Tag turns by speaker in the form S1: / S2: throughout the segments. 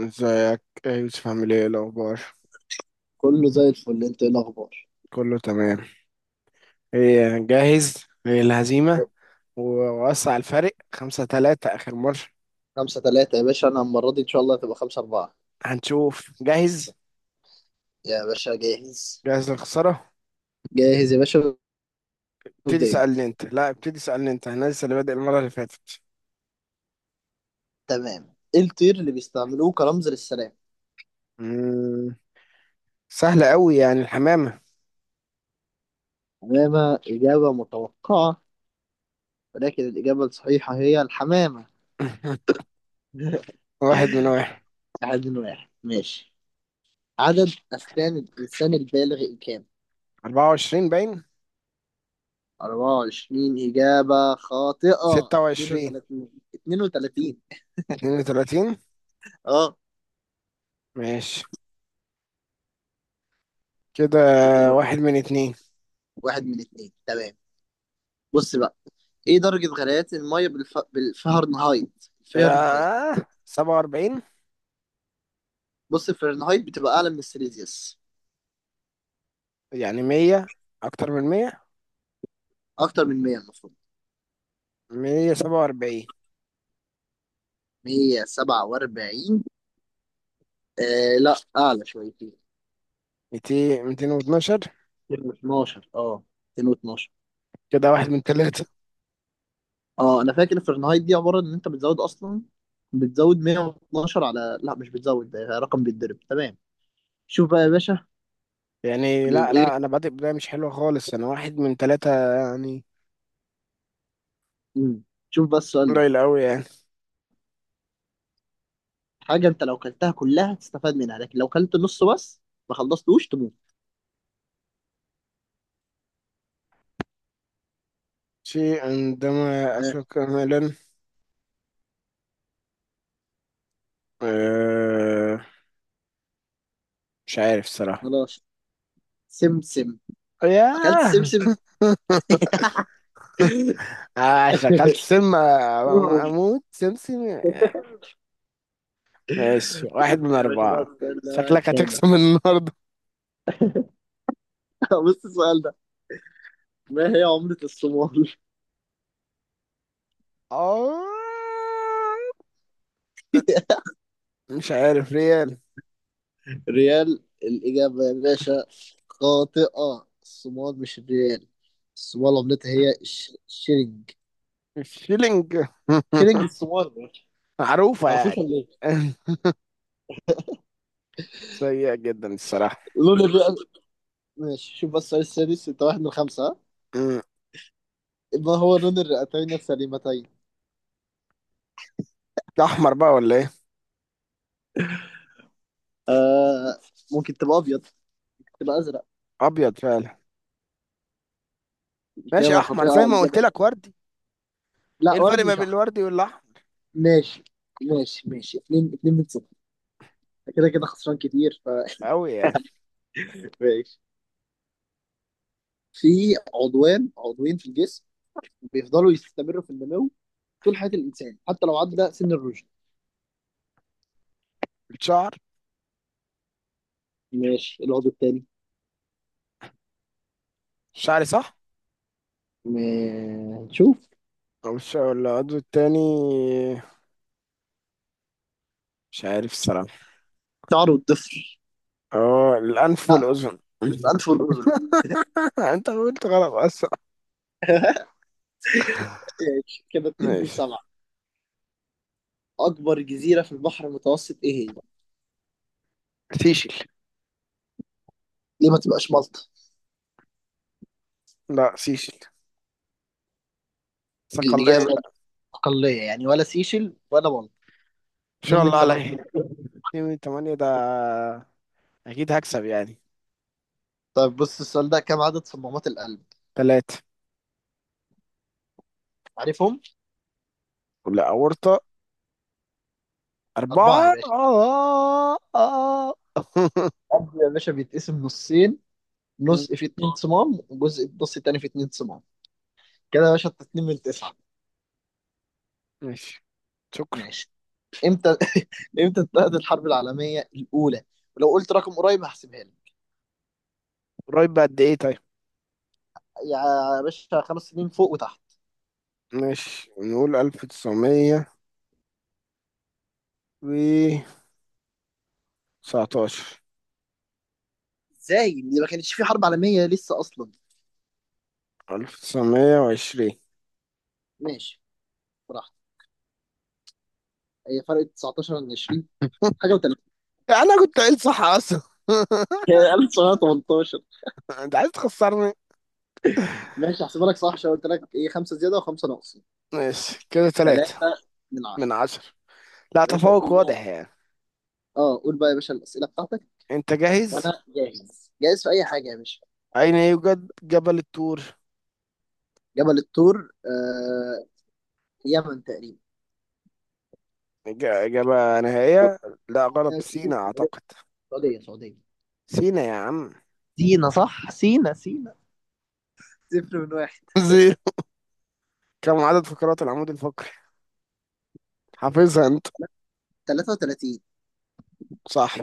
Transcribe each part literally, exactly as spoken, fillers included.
S1: ازيك؟ ايه يا يوسف، عامل ايه؟ إيه الاخبار؟
S2: كله زي الفل. انت ايه الاخبار؟
S1: كله تمام. ايه، جاهز للهزيمه؟ و- ووسع الفرق خمسة تلاتة اخر مره.
S2: خمسة تلاتة يا باشا، انا المرة دي ان شاء الله هتبقى خمسة اربعة.
S1: هنشوف. جاهز؟
S2: يا باشا جاهز.
S1: جاهز للخساره؟
S2: جاهز يا باشا.
S1: ابتدي
S2: ابدأ انت.
S1: سألني انت، لا ابتدي سألني انت، انا لسه اللي بادئ المره اللي فاتت.
S2: تمام. ايه الطير اللي بيستعملوه كرمز للسلام؟
S1: مم. سهله قوي، يعني الحمامه.
S2: حمامة إجابة متوقعة، ولكن الإجابة الصحيحة هي الحمامة.
S1: واحد من واحد.
S2: واحد من واحد ماشي. عدد أسنان الإنسان البالغ كام؟
S1: أربعة وعشرين باين.
S2: اربعة وعشرين إجابة خاطئة.
S1: ستة وعشرين.
S2: اتنين وتلاتين. اتنين وتلاتين.
S1: اتنين وتلاتين.
S2: اه.
S1: ماشي، كده
S2: يلا.
S1: واحد من اتنين.
S2: واحد من اتنين تمام. بص بقى، ايه درجة غليان المية بالف... بالفahrenheit فahrenheit؟
S1: آه. سبعة وأربعين.
S2: بص، الفahrenheit بتبقى أعلى من السيليزيوس.
S1: يعني مية، اكتر من 100.
S2: أكتر من مية المفروض.
S1: مية سبعة وأربعين.
S2: مية وسبعة وأربعين. آه لا، أعلى شويتين.
S1: ميتين، ميتين واتناشر.
S2: ميتين واتناشر اه. ميتين واتناشر.
S1: كده واحد من تلاتة
S2: اه، أنا فاكر الفahrenheit دي عبارة إن أنت بتزود أصلا. بتزود مية واتناشر على، لا مش بتزود، ده رقم بيتضرب. تمام. شوف بقى يا باشا.
S1: يعني. لا
S2: الإيه؟
S1: لا، أنا بادئ بداية مش حلوة خالص، أنا واحد من تلاتة يعني.
S2: مم. شوف بقى السؤال ده.
S1: قليل أوي يعني.
S2: حاجة أنت لو كلتها كلها تستفاد منها، لكن لو كلت نص بس ما خلصتوش تموت.
S1: شيء عندما
S2: آه.
S1: أكل كاملا. أه، مش عارف الصراحة.
S2: خلاص. سمسم. اكلت
S1: ياه.
S2: السمسم.
S1: عشان أكلت سم أموت سمسم. ماشي، واحد من
S2: يا باشا بقى،
S1: أربعة.
S2: السؤال ده بقى
S1: شكلك
S2: الخامة.
S1: هتكسب النهاردة.
S2: بص السؤال ده. ما هي عملة الصومال؟
S1: آه، مش عارف. ريال.
S2: ريال الإجابة يا باشا خاطئة. الصومال مش الريال. الصومال عملتها هي الش- الشيلينج.
S1: الشيلينج.
S2: شيلينج الصومال، ما
S1: معروفة
S2: تعرفوش
S1: يعني.
S2: ولا ايه؟
S1: سيئة جدا الصراحة.
S2: لون الرئة. ماشي، شوف بس السؤال السادس، انت واحد من خمسة، ها؟
S1: مم.
S2: ما هو لون الرئتين السليمتين؟
S1: ده أحمر بقى ولا إيه؟
S2: آه، ممكن تبقى أبيض، تبقى أزرق.
S1: أبيض فعلا. ماشي،
S2: إجابة
S1: أحمر زي
S2: خاطئة.
S1: ما قلت
S2: إجابة
S1: لك، وردي. إيه
S2: لا،
S1: الفرق
S2: وردي
S1: ما
S2: مش
S1: بين
S2: أحمر.
S1: الوردي والأحمر؟
S2: ماشي. ماشي ماشي، اتنين اتنين من صفر. كده كده خسران كتير ف...
S1: أوي يعني.
S2: ماشي. في عضوان عضوين في الجسم بيفضلوا يستمروا في النمو طول حياة الإنسان، حتى لو عدى سن الرشد.
S1: الشعر.
S2: ماشي، العضو التاني.
S1: الشعر صح؟
S2: ما- نشوف.
S1: أو الشعر ولا العضو التاني؟ مش عارف الصراحة.
S2: شعر، الضفر.
S1: أه، الأنف
S2: لا،
S1: والأذن.
S2: الأنف والأذن.
S1: أنت قلت غلط أصلا.
S2: ماشي كده، اتنين من
S1: ماشي.
S2: سبعة. أكبر جزيرة في البحر المتوسط إيه هي؟
S1: سيشل.
S2: ليه ما تبقاش مالطا؟
S1: لا سيشل. ساق الله.
S2: الإجابة أقلية يعني، ولا سيشل ولا مالطا.
S1: إن
S2: اتنين
S1: شاء
S2: من
S1: الله
S2: تمانية.
S1: عليه. اتنين من تمانية ده، أكيد هكسب يعني.
S2: طيب، بص السؤال ده، كم عدد صمامات القلب؟
S1: تلاتة.
S2: عارفهم؟
S1: لا، أورطة.
S2: أربعة يا
S1: أربعة،
S2: باشا.
S1: آه آه.
S2: القلب يا باشا بيتقسم نصين.
S1: م-
S2: نص فيه اتنين صمام، وجزء النص التاني فيه اتنين صمام. كده يا باشا انت اتنين من تسعة.
S1: ماشي. شكرا.
S2: ماشي. امتى امتى انتهت الحرب العالمية الأولى؟ ولو قلت رقم قريب هحسبها لك.
S1: قريب بقد إيه طيب؟
S2: يا باشا، خمس سنين فوق وتحت.
S1: ماشي، نقول ألف تسعمية و تسعتاشر.
S2: ازاي؟ دي ما كانتش في حرب عالمية لسه أصلا.
S1: ألف تسعمية وعشرين.
S2: ماشي براحتك. هي فرق تسعتاشر عن عشرين، حاجة و3.
S1: أنا كنت قايل صح أصلا.
S2: ألف تسعمية وتمنتاشر.
S1: أنت عايز تخسرني؟
S2: ماشي، هحسبها لك صح عشان قلت لك ايه، خمسة زيادة وخمسة ناقص.
S1: ماشي، كده تلاتة
S2: ثلاثة من عشرة.
S1: من عشرة. لا،
S2: يا باشا
S1: تفوق
S2: قول بقى.
S1: واضح يعني.
S2: اه، قول بقى يا باشا الأسئلة بتاعتك.
S1: أنت جاهز؟
S2: وانا جاهز، جاهز في اي حاجه يا باشا.
S1: أين يوجد جبل الطور؟
S2: جبل الطور، آه يمن تقريبا.
S1: إج- إجابة نهائية؟ لا
S2: آه،
S1: غلط، سينا أعتقد.
S2: سعوديه سعوديه.
S1: سينا يا عم.
S2: سينا صح، سينا سينا. صفر من واحد.
S1: زيرو. كم عدد فقرات العمود الفقري؟ حافظها انت.
S2: تلاتة وتلاتين.
S1: صح.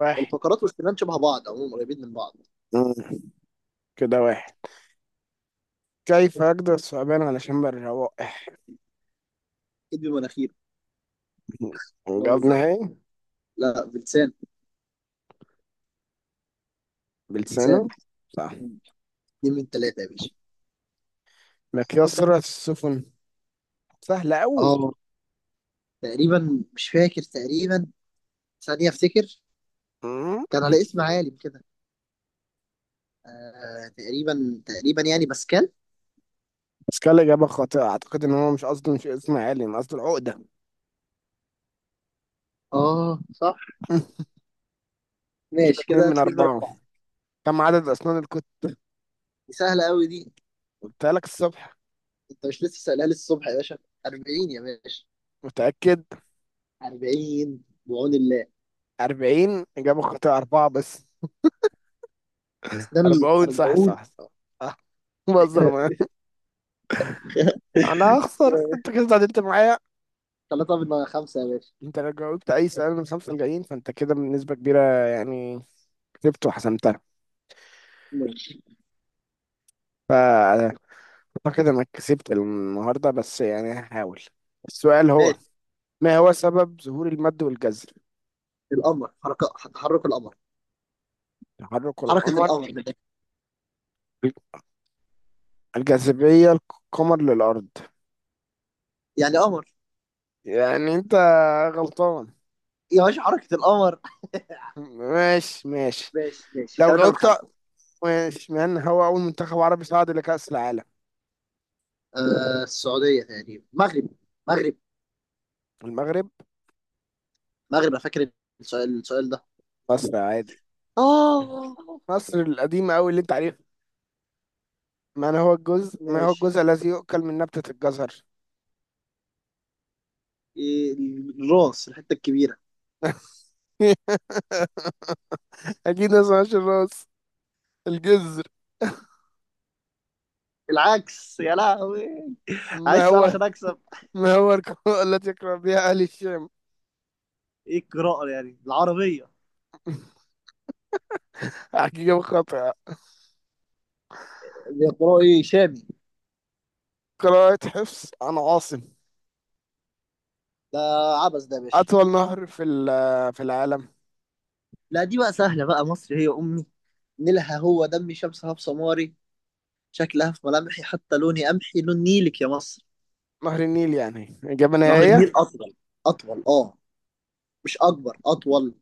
S1: واحد.
S2: الفقرات والسنان شبه بعض، عموما قريبين من بعض.
S1: مم. كده واحد. كيف أقدر الثعبان على شم الروائح؟
S2: اكيد بمناخير،
S1: جاب
S2: بهزر.
S1: نهائي.
S2: لا، بلسان. بلسان.
S1: بلسانه. صح.
S2: اتنين من ثلاثه يا باشا.
S1: مقياس سرعة السفن. سهلة أوي.
S2: اه، تقريبا مش فاكر، تقريبا ثانيه افتكر.
S1: مم.
S2: كان على اسم عالم كده. آه، تقريبا تقريبا يعني باسكال.
S1: بس كان إجابة خاطئة، أعتقد إن هو مش قصده مش اسم عالم، قصده العقدة.
S2: اه صح.
S1: مم. كده
S2: ماشي
S1: اتنين
S2: كده،
S1: من
S2: اتنين من
S1: أربعة.
S2: أربعة.
S1: كم عدد أسنان الكتب؟
S2: دي سهله قوي دي.
S1: قلتها لك الصبح.
S2: انت مش لسه سألها لي الصبح يا باشا؟ اربعين يا باشا.
S1: متأكد؟
S2: اربعين بعون الله.
S1: أربعين إجابة خاطئة، أربعة بس.
S2: اسنان ال
S1: أربعون، صح
S2: اربعين.
S1: صح صح. آه، بهزر
S2: تلاتة
S1: معاك. أنا هخسر، أنت كده اتعادلت معايا.
S2: من خمسة يا باشا.
S1: انت لو جاوبت اي سؤال من الخمسه الجايين، فانت كده بنسبه كبيره يعني كسبت وحسمتها.
S2: ماشي
S1: فاعتقد انك كسبت النهارده، بس يعني هحاول. السؤال هو،
S2: ماشي.
S1: ما هو سبب ظهور المد والجزر؟
S2: القمر حركة تحرك القمر.
S1: تحرك
S2: حركة
S1: القمر.
S2: القمر من الآخر.
S1: الجاذبيه القمر للارض.
S2: يعني قمر.
S1: يعني انت غلطان.
S2: يا باشا، حركة القمر.
S1: ماشي ماشي.
S2: ماشي ماشي،
S1: لو
S2: تلاتة من
S1: جاوبت.
S2: خمسة.
S1: ماشي، من هو اول منتخب عربي صعد لكأس العالم؟
S2: آه، السعودية تقريبا. مغرب. مغرب.
S1: المغرب.
S2: مغرب انا فاكر. السؤال السؤال ده.
S1: مصر عادي.
S2: اه.
S1: مصر القديمه قوي اللي انت عارفها. من هو الجزء ما هو
S2: ماشي.
S1: الجزء الذي يؤكل من نبتة الجزر؟
S2: إيه، الراس، الحتة الكبيرة.
S1: أكيد ما اسمهاش الراس، الجزر.
S2: العكس يا لهوي.
S1: ما
S2: عايز سؤال
S1: هو
S2: عشان اكسب.
S1: ما هو القراءة التي يقرأ بها أهل الشام؟
S2: ايه القراءة، يعني العربية؟
S1: حقيقة خاطئة.
S2: بيقرأوا ايه؟ شامي.
S1: قراءة حفص عن عاصم.
S2: ده عبس ده يا باشا.
S1: أطول نهر في ال- في العالم؟
S2: لا، دي بقى سهلة بقى. مصر هي أمي، نيلها هو دمي، شمسها في سماري، شكلها في ملامحي، حتى لوني قمحي لون نيلك يا مصر.
S1: نهر النيل، يعني إجابة
S2: نهر
S1: نهائية.
S2: النيل أطول. أطول، أه. مش أكبر، أطول.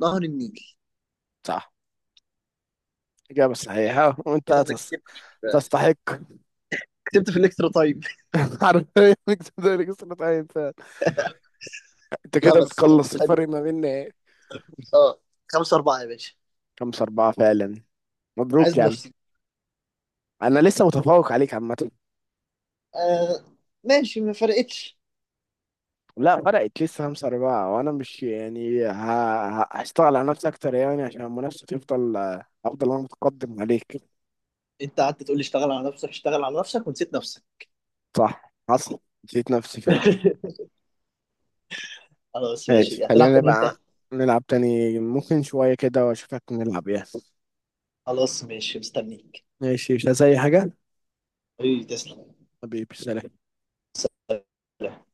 S2: نهر النيل.
S1: صح. إجابة صحيحة وأنت
S2: كده أنا
S1: تس-
S2: كسبت.
S1: تستحق.
S2: كسبت في الإكسترا تايم.
S1: حرفيا إنك تقدر تسقط أي إنسان. أنت
S2: لا،
S1: كده
S2: بس كانت
S1: بتقلص الفرق
S2: حلوة.
S1: ما بيننا، إيه؟
S2: أه. خمسة أربعة يا باشا.
S1: خمسة أربعة فعلا.
S2: عايز
S1: مبروك يا عم.
S2: منافسين.
S1: أنا لسه متفوق عليك عامة.
S2: آه. ماشي، ما فرقتش.
S1: لا فرقت لسه، خمسة أربعة، وأنا مش يعني ه... ه- هشتغل على نفسي أكتر يعني عشان المنافسة تفضل. أفضل أنا متقدم عليك.
S2: أنت قعدت تقول لي اشتغل على نفسك، اشتغل على نفسك، ونسيت نفسك.
S1: صح حصل، نسيت نفسي فعلا.
S2: خلاص
S1: ماشي،
S2: ماشي، هتلعب
S1: خلينا
S2: فين،
S1: نبقى
S2: امتى؟
S1: نلعب تاني ممكن شوية كده وأشوفك نلعب يعني.
S2: خلاص ماشي، مستنيك.
S1: ماشي، مش عايز أي حاجة.
S2: ايه، تسلم.
S1: حبيبي سلام.
S2: سلام.